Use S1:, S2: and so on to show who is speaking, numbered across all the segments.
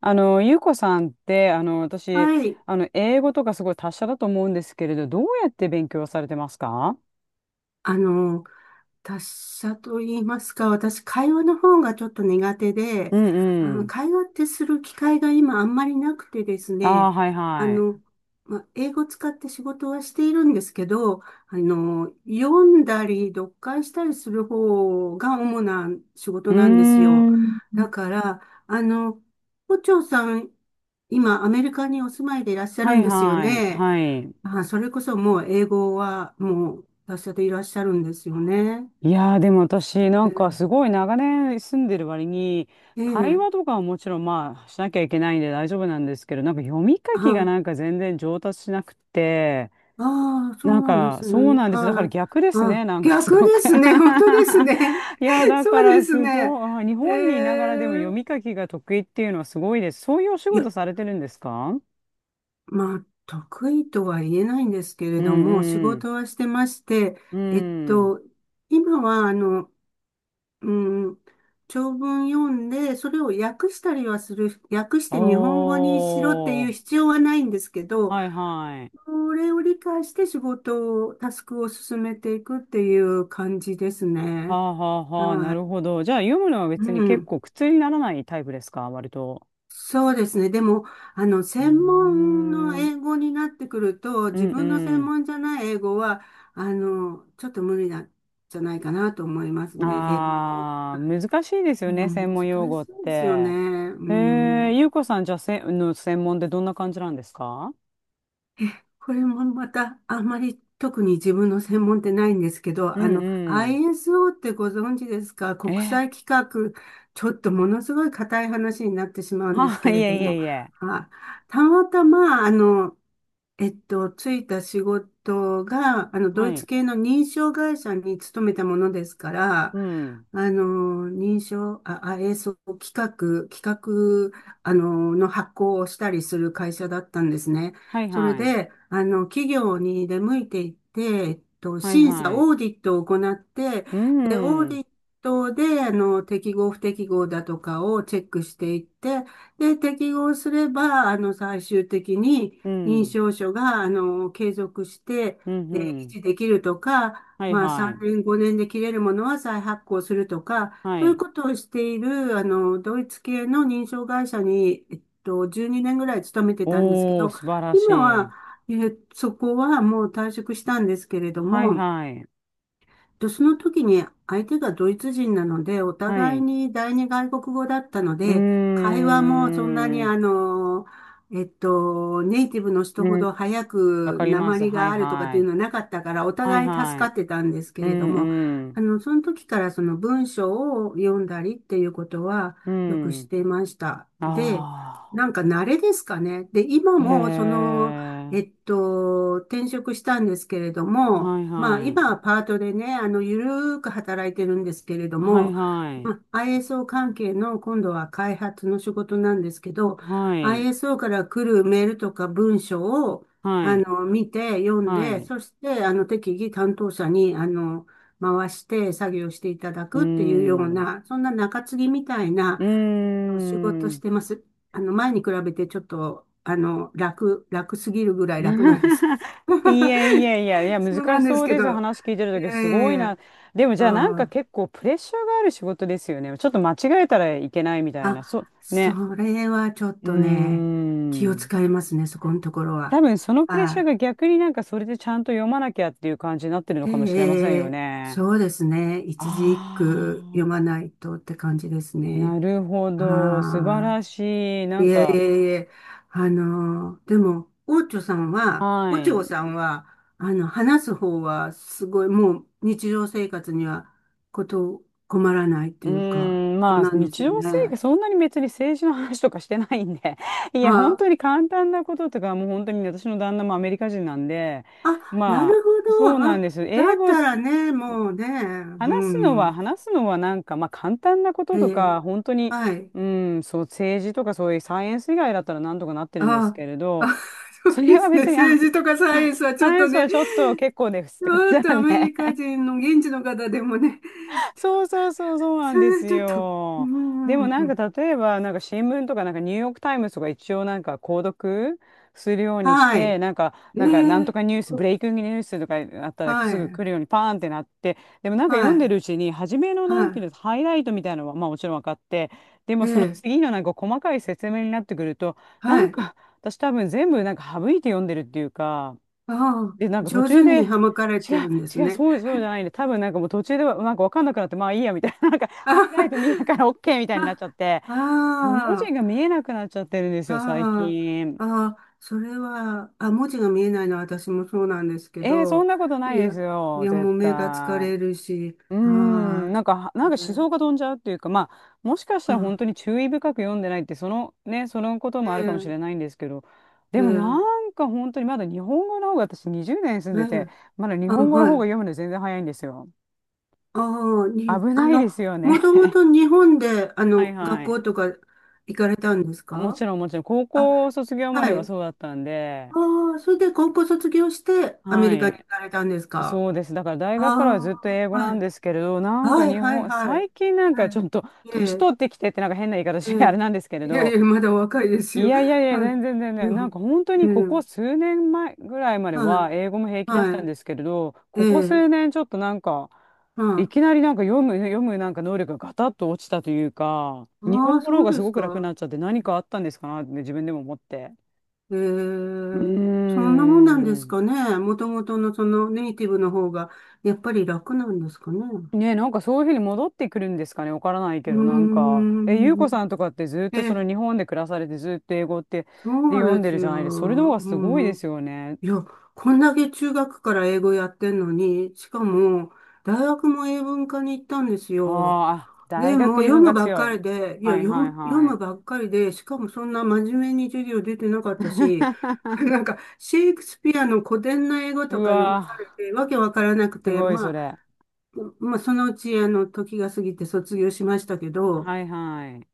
S1: ゆうこさんって、私、
S2: はい。
S1: 英語とかすごい達者だと思うんですけれど、どうやって勉強されてますか？
S2: あの、達者と言いますか、私、会話の方がちょっと苦手で、
S1: うんうん。
S2: 会話ってする機会が今あんまりなくてです
S1: あ
S2: ね、
S1: あ、はい
S2: あ
S1: は
S2: の、
S1: い。
S2: まあ、英語使って仕事はしているんですけど、読んだり読解したりする方が主な仕事
S1: うー
S2: なんですよ。
S1: ん。
S2: だから、胡蝶さん、今、アメリカにお住まいでいらっしゃる
S1: は
S2: ん
S1: い
S2: ですよ
S1: はい。
S2: ね。
S1: はい。
S2: あ、それこそもう英語はもう達者でいらっしゃるんですよね。
S1: いやー、でも私、なんかす
S2: え
S1: ごい長年住んでる割に、
S2: え、
S1: 会
S2: え
S1: 話
S2: え
S1: とかはもちろんまあしなきゃいけないんで大丈夫なんですけど、なんか読み書きが
S2: あ、
S1: なんか全然上達しなくて、
S2: ああ、そ
S1: な
S2: う
S1: ん
S2: なんで
S1: か、
S2: す
S1: そう
S2: ね。
S1: なんです。だか
S2: は
S1: ら
S2: い。
S1: 逆ですね。
S2: あ、
S1: なんか す
S2: 逆
S1: ご
S2: で
S1: く
S2: す ね。本当ですね。
S1: いや、だ
S2: そ
S1: か
S2: うで
S1: ら
S2: す
S1: す
S2: ね。
S1: ごい。あ、日
S2: え
S1: 本にいながらでも読
S2: え、
S1: み書きが得意っていうのはすごいです。そういうお仕
S2: いや、
S1: 事されてるんですか？
S2: まあ、得意とは言えないんですけ
S1: う
S2: れど
S1: ん
S2: も、仕
S1: うん。
S2: 事はしてまして、
S1: う
S2: えっ
S1: ん。
S2: と、今は、うん、長文読んで、それを訳したりはする、訳し
S1: お
S2: て日本語にしろっていう
S1: ー。
S2: 必要はないんですけど、
S1: はいはい。
S2: それを理解して仕事を、タスクを進めていくっていう感じです
S1: は
S2: ね。
S1: あはあはあ。な
S2: は
S1: る
S2: い。
S1: ほど。じゃあ読むのは
S2: う
S1: 別に結
S2: ん。
S1: 構苦痛にならないタイプですか、割と？
S2: そうですね。でも、
S1: う
S2: 専門の
S1: ーん。
S2: 英語になってくると、
S1: う
S2: 自
S1: んう
S2: 分の専
S1: ん。
S2: 門じゃない英語は、ちょっと無理なんじゃないかなと思いますね。英語も。
S1: ああ、難しいです
S2: う
S1: よね、
S2: ん、
S1: 専
S2: 難
S1: 門
S2: し
S1: 用語っ
S2: いですよね。
S1: て。
S2: う
S1: え
S2: ん。
S1: ゆうこさん、じゃあ、の専門でどんな感じなんですか？
S2: これもまた、あんまり特に自分の専門ってないんですけど、
S1: うんうん。
S2: ISO ってご存知ですか？
S1: え
S2: 国際規格、ちょっとものすごい硬い話になってしまう
S1: ー、
S2: んです
S1: は、
S2: け
S1: い
S2: れ
S1: え
S2: ど
S1: い
S2: も、
S1: えいえ。
S2: はい、たまたま、ついた仕事が、ドイ
S1: は
S2: ツ
S1: い。
S2: 系の認証会社に勤めたものですから、
S1: うん。
S2: あの、認証、あ、あ、えーそう、企画、企画、あの、の発行をしたりする会社だったんですね。
S1: はい
S2: それ
S1: はい。
S2: で、企業に出向いていって、
S1: はい
S2: 審査、
S1: はい。
S2: オーディットを行って、
S1: う
S2: で、オーデ
S1: ん。
S2: ィットで、適合不適合だとかをチェックしていって、で、適合すれば、最終的に、
S1: う
S2: 認
S1: ん。
S2: 証書が、継続して、
S1: うんう
S2: 維
S1: ん。
S2: 持できるとか、
S1: はい
S2: まあ、
S1: は
S2: 3
S1: い。
S2: 年、5年で切れるものは再発行するとか、
S1: は
S2: そういう
S1: い。
S2: ことをしている、ドイツ系の認証会社に、12年ぐらい勤めてたんですけ
S1: おー、
S2: ど、
S1: 素晴らし
S2: 今
S1: い。
S2: は、そこはもう退職したんですけれど
S1: はい
S2: も、
S1: はい。
S2: で、その時に相手がドイツ人なので、お
S1: は
S2: 互
S1: い。
S2: い
S1: う
S2: に第二外国語だったの
S1: ー
S2: で、会話もそんなに
S1: ん。
S2: あの、えっと、ネイティブの人
S1: う
S2: ほ
S1: ん。
S2: ど早
S1: わ
S2: く
S1: かりま
S2: 訛
S1: す。
S2: り
S1: は
S2: が
S1: い
S2: あるとかって
S1: は
S2: いう
S1: い。
S2: のはなかったから、お
S1: はい
S2: 互い助
S1: は
S2: か
S1: い。
S2: ってたんですけ
S1: う
S2: れども、
S1: んうん。
S2: その時からその文章を読んだりっていうことは
S1: う
S2: よくし
S1: ん。
S2: ていました。で、
S1: あ
S2: なんか慣れですかね。で、今
S1: あ。へ
S2: もその、
S1: え。
S2: 転職したんですけれども、
S1: はい
S2: まあ、
S1: は
S2: 今
S1: い。
S2: はパートでね、ゆるーく働いてるんですけれど
S1: はい
S2: も、
S1: は
S2: ま
S1: い。
S2: あ、ISO 関係の今度は開発の仕事なんですけど、
S1: はい。
S2: ISO から来るメールとか文章を、
S1: はい。
S2: 見て、読ん
S1: は
S2: で、
S1: い。
S2: そして、適宜担当者に、回して作業していただ
S1: うー
S2: くっていうよう
S1: ん。
S2: な、そんな中継ぎみたい
S1: うー
S2: な、お仕事し
S1: ん。
S2: てます。前に比べてちょっと、楽すぎるぐらい楽なんです。
S1: い やいやいや、いや、
S2: そうな
S1: 難し
S2: んで
S1: そ
S2: す
S1: う
S2: け
S1: です。
S2: ど。
S1: 話聞いて
S2: い
S1: るとき、
S2: やい
S1: す
S2: や
S1: ご
S2: い
S1: いな。
S2: や。
S1: でもじゃあなんか
S2: あー、
S1: 結構プレッシャーがある仕事ですよね。ちょっと間違えたらいけないみたいな。
S2: あ、
S1: そう、
S2: そ
S1: ね。
S2: れはちょっ
S1: うー
S2: とね、気を
S1: ん。
S2: 使いますね、そこのところ
S1: 多
S2: は。
S1: 分そのプレッシャーが
S2: あ
S1: 逆になんかそれでちゃんと読まなきゃっていう感じになってるの
S2: ー、え
S1: かもしれません
S2: ええ
S1: よ
S2: え
S1: ね。
S2: そうですね。一字一句読
S1: あ
S2: まないとって感じです
S1: あ、
S2: ね。
S1: なるほど。素晴
S2: ああ。
S1: らしい。な
S2: い
S1: ん
S2: えい
S1: か、
S2: えいえ、でも、
S1: は
S2: オチョ
S1: い。
S2: さんは、話す方は、すごい、もう、日常生活には、困らないって
S1: う
S2: いうか、
S1: ーん、
S2: そう
S1: まあ、
S2: なんです
S1: 日
S2: よ
S1: 常生活、
S2: ね。
S1: そんなに別に政治の話とかしてないんで、いや、本
S2: あ、
S1: 当に簡単なこととか、もう本当にね私の旦那もアメリカ人なんで、
S2: あ、な
S1: ま
S2: るほ
S1: あ、
S2: ど。
S1: そうな
S2: あ、
S1: んです。
S2: だ
S1: 英
S2: っ
S1: 語、
S2: たらね、もうね、う
S1: 話すのは、
S2: ん。
S1: 話すのはなんか、まあ、簡単なこと
S2: え
S1: と
S2: え、
S1: か、本当に、
S2: はい。
S1: うん、そう、政治とかそういうサイエンス以外だったらなんとかなってるんです
S2: あ、
S1: けれど、
S2: あ、そ
S1: そ
S2: う
S1: れ
S2: で
S1: は
S2: すね。
S1: 別に、あ、
S2: 政治とかサイエンスはちょっ
S1: 酸
S2: と
S1: 素
S2: ね、
S1: はちょっと結構ですっ
S2: ち
S1: て感じ
S2: ょっと
S1: だ
S2: アメ
S1: ね。
S2: リカ人の現地の方でもね、
S1: そうそうそうそうな
S2: そ
S1: んで
S2: れは
S1: す
S2: ちょっと、う
S1: よ。で
S2: ん、う
S1: も
S2: ん
S1: な
S2: う
S1: ん
S2: ん
S1: か例えばなんか新聞とかなんかニューヨークタイムズとか一応なんか購読するようにし
S2: は
S1: て
S2: い。
S1: なんか
S2: え
S1: なんかなんと
S2: え
S1: かニュ
S2: す
S1: ース
S2: ご
S1: ブ
S2: い
S1: レイキングニュースとかあったら
S2: は
S1: すぐ
S2: い、
S1: 来るようにパーンってなって、でもなんか読
S2: は
S1: んで
S2: い、
S1: るうちに初めのなんていう
S2: は
S1: のハイライトみたいなのはまあもちろん分かって、でも
S2: い、
S1: その
S2: ええ
S1: 次のなんか細かい説明になってくると、な
S2: は
S1: ん
S2: い。
S1: か私多分全部なんか省いて読んでるっていうか。
S2: ああ、
S1: で、なんか途
S2: 上
S1: 中
S2: 手
S1: で、
S2: に
S1: 違
S2: はまかれてるんです
S1: う、違う、
S2: ね。
S1: そうじゃないんで、多分なんかもう途中ではなんかわかんなくなって、まあいいや、みたいな、なんかハイライト
S2: あ
S1: 見ながら OK みたいになっちゃって、
S2: あ、
S1: 文字が見えなくなっちゃってるんですよ、最
S2: あ
S1: 近。
S2: あ、ああ、それは、あ、文字が見えないのは私もそうなんですけ
S1: えー、そん
S2: ど、
S1: なことな
S2: い
S1: いで
S2: や、
S1: す
S2: い
S1: よ、
S2: や、も
S1: 絶
S2: う目が疲
S1: 対。
S2: れるし、
S1: うーん、
S2: ああ、
S1: なんか思
S2: ね
S1: 想が飛んじゃうっていうか、まあ、もしかしたら
S2: あ
S1: 本当
S2: あ
S1: に注意深く読んでないって、そのね、そのこともあるか
S2: え
S1: もし
S2: え
S1: れないんですけど、でもな
S2: ええ
S1: んか本当にまだ日本語の方が私20年住ん
S2: え
S1: でて、
S2: え
S1: まだ日
S2: あ、
S1: 本語の
S2: は
S1: 方が
S2: い。
S1: 読むの全然早いんですよ。
S2: ああ、に、
S1: 危
S2: あ
S1: ない
S2: の、
S1: ですよ
S2: も
S1: ね。
S2: とも と日本で、
S1: はい
S2: 学
S1: はい。
S2: 校とか行かれたんです
S1: も
S2: か？
S1: ちろんもちろん、高
S2: あ、
S1: 校卒業まで
S2: は
S1: は
S2: い。
S1: そうだったんで、
S2: ああ、それで高校卒業して、アメ
S1: は
S2: リカに行
S1: い。
S2: かれたんですか？
S1: そうです。だから大
S2: あ
S1: 学からはずっと英
S2: あ、
S1: 語
S2: は
S1: なん
S2: い。
S1: ですけれど、なんか
S2: はい、
S1: 日
S2: はい、
S1: 本、
S2: はい。
S1: 最近なんか
S2: は
S1: ちょっと
S2: い。え
S1: 年
S2: え、
S1: 取ってきてってなんか変な言い方
S2: え
S1: して あれ
S2: え。
S1: なんですけれ
S2: いやい
S1: ど、
S2: や、まだお若いです
S1: い
S2: よ。
S1: やいやいや、
S2: はい。
S1: 全然全然。
S2: う
S1: なん
S2: ん
S1: か本当
S2: え
S1: にここ
S2: え、
S1: 数年前ぐらいまで
S2: は
S1: は
S2: い、
S1: 英語も平気だった
S2: は
S1: ん
S2: い。
S1: ですけれど、
S2: え
S1: ここ
S2: え、
S1: 数年ちょっとなんか、い
S2: は
S1: きなりなんか読むなんか能力がガタッと落ちたというか、
S2: い。
S1: 日
S2: あ
S1: 本
S2: あ、
S1: 語の
S2: そ
S1: 方
S2: う
S1: がす
S2: です
S1: ごく楽に
S2: か。
S1: なっちゃって何かあったんですかなってね自分でも思って。
S2: え
S1: うー
S2: え、そんなもんなんです
S1: ん。
S2: かね。もともとのそのネイティブの方が、やっぱり楽なんですかね。
S1: ねえ、なんかそういうふうに戻ってくるんですかね、わからないけ
S2: うー
S1: ど、なんか、ゆうこさん
S2: ん。
S1: とかってずっとそ
S2: え、
S1: の日本で暮らされてずっと英語ってで
S2: そう
S1: 読ん
S2: で
S1: で
S2: す
S1: るじゃ
S2: よ。
S1: ないですか。それの方がすごい
S2: う
S1: で
S2: ん。
S1: すよね。
S2: いや、こんだけ中学から英語やってんのに、しかも、大学も英文科に行ったんです
S1: あー
S2: よ。
S1: あ、あ、大
S2: で
S1: 学
S2: も、
S1: 英文が強い。はいはい
S2: 読
S1: は
S2: む
S1: い。
S2: ばっかりで、しかもそんな真面目に授業出てなかったし、なんか、シェイクスピアの古典な英語と
S1: う
S2: か読
S1: わ
S2: まされ
S1: ー、
S2: て、わけわからなく
S1: す
S2: て、
S1: ごいそれ。
S2: まあ、そのうち、時が過ぎて卒業しましたけど、
S1: はいはい。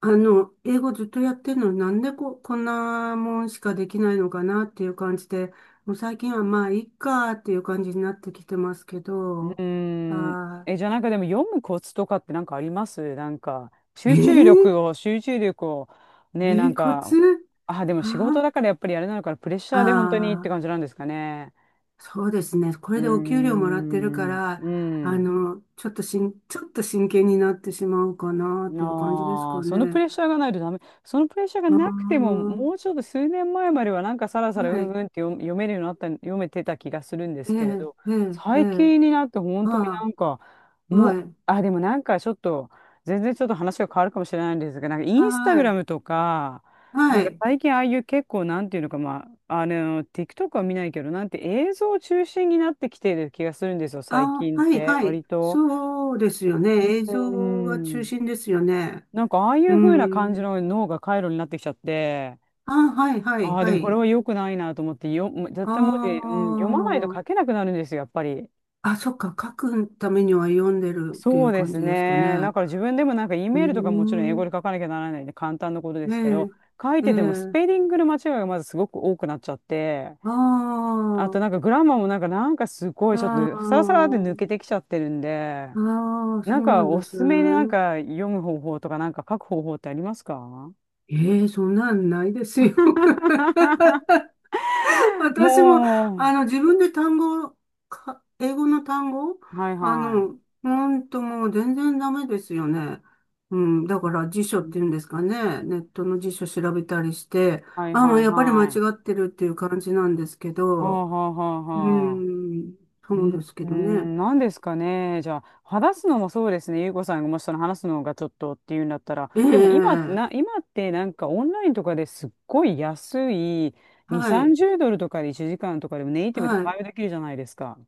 S2: 英語ずっとやってるのになんでこ、こんなもんしかできないのかなっていう感じで、もう最近はまあ、いっかっていう感じになってきてますけ
S1: う
S2: ど、
S1: ーん。
S2: あ
S1: え、じゃあなんかでも読むコツとかってなんかありますなんか、
S2: ー、え
S1: 集中
S2: ー、
S1: 力を、集中力を、ね、なん
S2: コ
S1: か、
S2: ツ
S1: あ、でも
S2: あ
S1: 仕事
S2: ー
S1: だからやっぱりあれなのかな、プレッシャーで本当にって
S2: あ
S1: 感じなんですかね。
S2: ー、そうですね。こ
S1: うー
S2: れでお給料もらってるか
S1: ん、
S2: ら、
S1: うん。
S2: ちょっと真剣になってしまうかなっていう感じです
S1: あ
S2: か
S1: あ、そのプ
S2: ね。
S1: レッシャーがないとダメ。そのプレッシャーが
S2: あ
S1: なくても、
S2: ー
S1: もうちょっと数年前まではなんかさらさらう
S2: は
S1: ん
S2: い。
S1: うんって読めるようになった、読めてた気がするんで
S2: え
S1: す
S2: え
S1: けれど、
S2: えええ
S1: 最
S2: え
S1: 近になって本当にな
S2: あ
S1: んか、
S2: あ、
S1: もう、
S2: はい。
S1: あ、でもなんかちょっと、全然ちょっと話が変わるかもしれないんですが、なんかインスタ
S2: は
S1: グラ
S2: い。
S1: ムとか、な
S2: は
S1: んか
S2: い。
S1: 最近ああいう結構なんていうのか、まあ、TikTok は見ないけど、なんて映像中心になってきてる気がするんですよ、最
S2: あ、
S1: 近っ
S2: はい、
S1: て、
S2: はい。
S1: 割と。
S2: そうですよね。映
S1: う
S2: 像が中
S1: ん。
S2: 心ですよね。
S1: なんかああい
S2: う
S1: う風な感じ
S2: ん。
S1: の脳が回路になってきちゃって、
S2: あ、はい、はい、
S1: ああ、で
S2: は
S1: もこれ
S2: い。
S1: は良くないなと思って、絶
S2: あ
S1: 対文字、うん、読まないと書け
S2: あ。
S1: なくなるんですよ、やっぱり。
S2: あ、そっか。書くためには読んでるってい
S1: そう
S2: う
S1: で
S2: 感
S1: す
S2: じですか
S1: ね。だ
S2: ね。
S1: から自分でもなんか E
S2: う
S1: メールとかもちろん英
S2: ー
S1: 語
S2: ん。
S1: で書かなきゃならないんで簡単なことですけど、
S2: ね
S1: 書い
S2: ええ。
S1: ててもスペ
S2: え
S1: リングの間違いがまずすごく多くなっちゃって、
S2: あ
S1: あとなん
S2: あ。
S1: かグラマーもなんかすごいちょっ
S2: あ
S1: とサラサラって抜け
S2: あ。
S1: てきちゃってるんで、
S2: ああ、そ
S1: なん
S2: うな
S1: か
S2: んで
S1: おす
S2: す
S1: すめでなん
S2: ね。
S1: か読む方法とかなんか書く方法ってありますか？
S2: ええ、そんなんないですよ。私も、
S1: も
S2: あ
S1: う。
S2: の、自分で単語を、か英語の単語、
S1: はいはい。
S2: ほんともう全然ダメですよね。うん、だから辞書
S1: う
S2: っ
S1: ん、
S2: ていうんですかね。ネットの辞書調べたりして、
S1: はい
S2: あ、も
S1: は
S2: う
S1: い
S2: やっぱり間違
S1: はい。
S2: ってるっていう感じなんですけ
S1: は
S2: ど、
S1: あはあはあ
S2: う
S1: はあ。
S2: ん、
S1: う
S2: そう
S1: ん
S2: ですけ
S1: う
S2: どね。
S1: ん、何ですかね。じゃあ、話すのもそうですね。ゆうこさんがもしその話すのがちょっとっていうんだったら、
S2: え
S1: でも今、
S2: え、
S1: 今ってなんかオンラインとかですっごい安い2、
S2: はい、
S1: 30ドルとかで1時間とかでもネイティブで
S2: はい。
S1: 会話できるじゃないですか。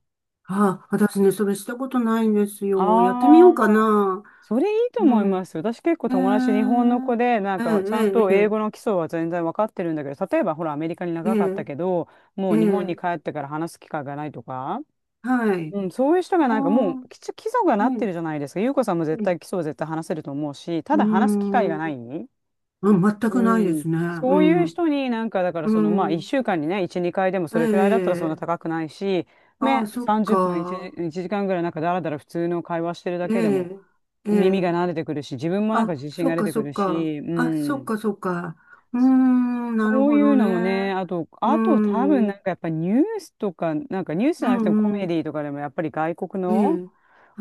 S2: あ、私ね、それしたことないんですよ。やってみよ
S1: あ、
S2: うかな。
S1: それいいと
S2: う
S1: 思い
S2: ん。
S1: ます。私結構
S2: え
S1: 友達日
S2: え
S1: 本の子で、なん
S2: え
S1: かちゃん
S2: え、
S1: と
S2: え
S1: 英語の
S2: え、
S1: 基礎は全然わかってるんだけど、例えばほらアメリカに
S2: ええ、
S1: 長かったけど、も
S2: えええ
S1: う日本に帰
S2: え、
S1: ってから話す機会がないとか、
S2: はい。
S1: うん、そういう人
S2: あ
S1: がなんかもう
S2: あ、
S1: 基礎が
S2: え
S1: なって
S2: え、
S1: るじゃないですか。優子さんも
S2: え
S1: 絶対基
S2: え
S1: 礎を絶対話せると思うし、た
S2: うー
S1: だ話す機会がない。
S2: ん。あ、全
S1: う
S2: くないで
S1: ん。
S2: すね。う
S1: そういう
S2: ん。
S1: 人になんかだから
S2: う
S1: そのまあ
S2: ん。
S1: 1週間にね、1、2回でもそ
S2: え
S1: れくらいだったらそんな
S2: え、
S1: 高くないし、
S2: ああ、
S1: ね、
S2: そっ
S1: 30分1、
S2: か。
S1: 一時間ぐらいなんかだらだら普通の会話してるだ
S2: え
S1: けでも。
S2: え、え
S1: 耳が
S2: え、
S1: 慣れてくるし、自分もなんか
S2: あ、
S1: 自信
S2: そっ
S1: が出
S2: か、
S1: て
S2: そ
S1: く
S2: っ
S1: る
S2: か。
S1: し、う
S2: あ、そっ
S1: ん。
S2: か、そっか。うーん、なる
S1: そう
S2: ほ
S1: い
S2: ど
S1: うのもね、
S2: ね。
S1: あと、
S2: うー
S1: あと多分な
S2: ん、
S1: んかやっぱニュースとか、なんかニュースじ
S2: う
S1: ゃなくてもコ
S2: ん、う
S1: メ
S2: ん。
S1: ディとかでもやっぱり外国
S2: え
S1: の
S2: え、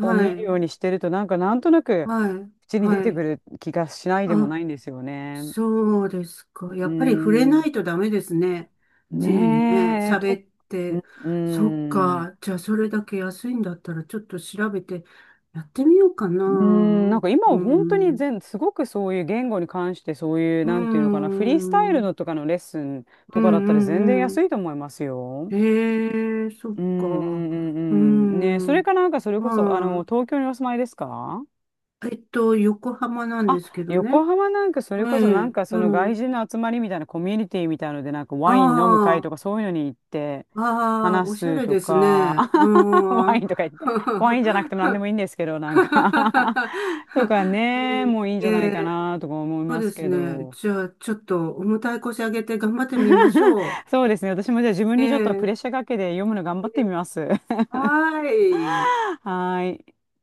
S1: を見る
S2: い、
S1: ようにしてると、なんかなんとなく
S2: はい、
S1: 口に出
S2: は
S1: てく
S2: い。
S1: る気がしないでも
S2: あ、
S1: ないんですよね。
S2: そうですか。
S1: う
S2: やっぱり触れな
S1: ん。
S2: いとダメですね。常にね、
S1: ねえ、
S2: 喋っ
S1: う
S2: て。
S1: ん。
S2: そっ
S1: うん、
S2: か。じゃあ、それだけ安いんだったら、ちょっと調べてやってみようかな。う
S1: うーん、
S2: ん。
S1: なんか今は
S2: う
S1: 本当に
S2: ん。
S1: すごくそういう言語に関してそういう、
S2: う
S1: なんていうのかな、フリースタイル
S2: ん
S1: のとかのレッスン
S2: う
S1: とかだったら全然
S2: んうん。
S1: 安いと思いますよ。
S2: へえ、そっ
S1: うんう
S2: か。
S1: んう
S2: う
S1: んうん。ね、それ
S2: ん。
S1: かなんかそれこそ、
S2: ま
S1: 東京にお住まいですか？
S2: あ、横浜なんで
S1: あ、
S2: すけどね。
S1: 横浜なんかそれこそ
S2: え
S1: な
S2: え、
S1: んかその
S2: う
S1: 外
S2: ん。
S1: 人の集まりみたいなコミュニティみたいのでなんか
S2: あ
S1: ワイン飲む会とか
S2: あ。
S1: そういうのに行って
S2: ああ、
S1: 話
S2: おしゃ
S1: す
S2: れ
S1: と
S2: です
S1: か、
S2: ね。う
S1: ワイ
S2: ん。
S1: ンとか言って、ワインじゃなくても何でもいいんですけど、なんか とか
S2: ね
S1: ね、もういいんじ
S2: ええ
S1: ゃないか
S2: え
S1: なとか思い
S2: そう
S1: ま
S2: で
S1: す
S2: す
S1: け
S2: ね。
S1: ど。
S2: じゃあ、ちょっと重たい腰上げて頑張ってみましょ
S1: そうですね、私もじゃあ自分
S2: う。
S1: にちょっとプレッシャ
S2: ええ
S1: ーかけて読むの頑張
S2: え
S1: ってみ
S2: え
S1: ます。は
S2: はーい。
S1: ーい。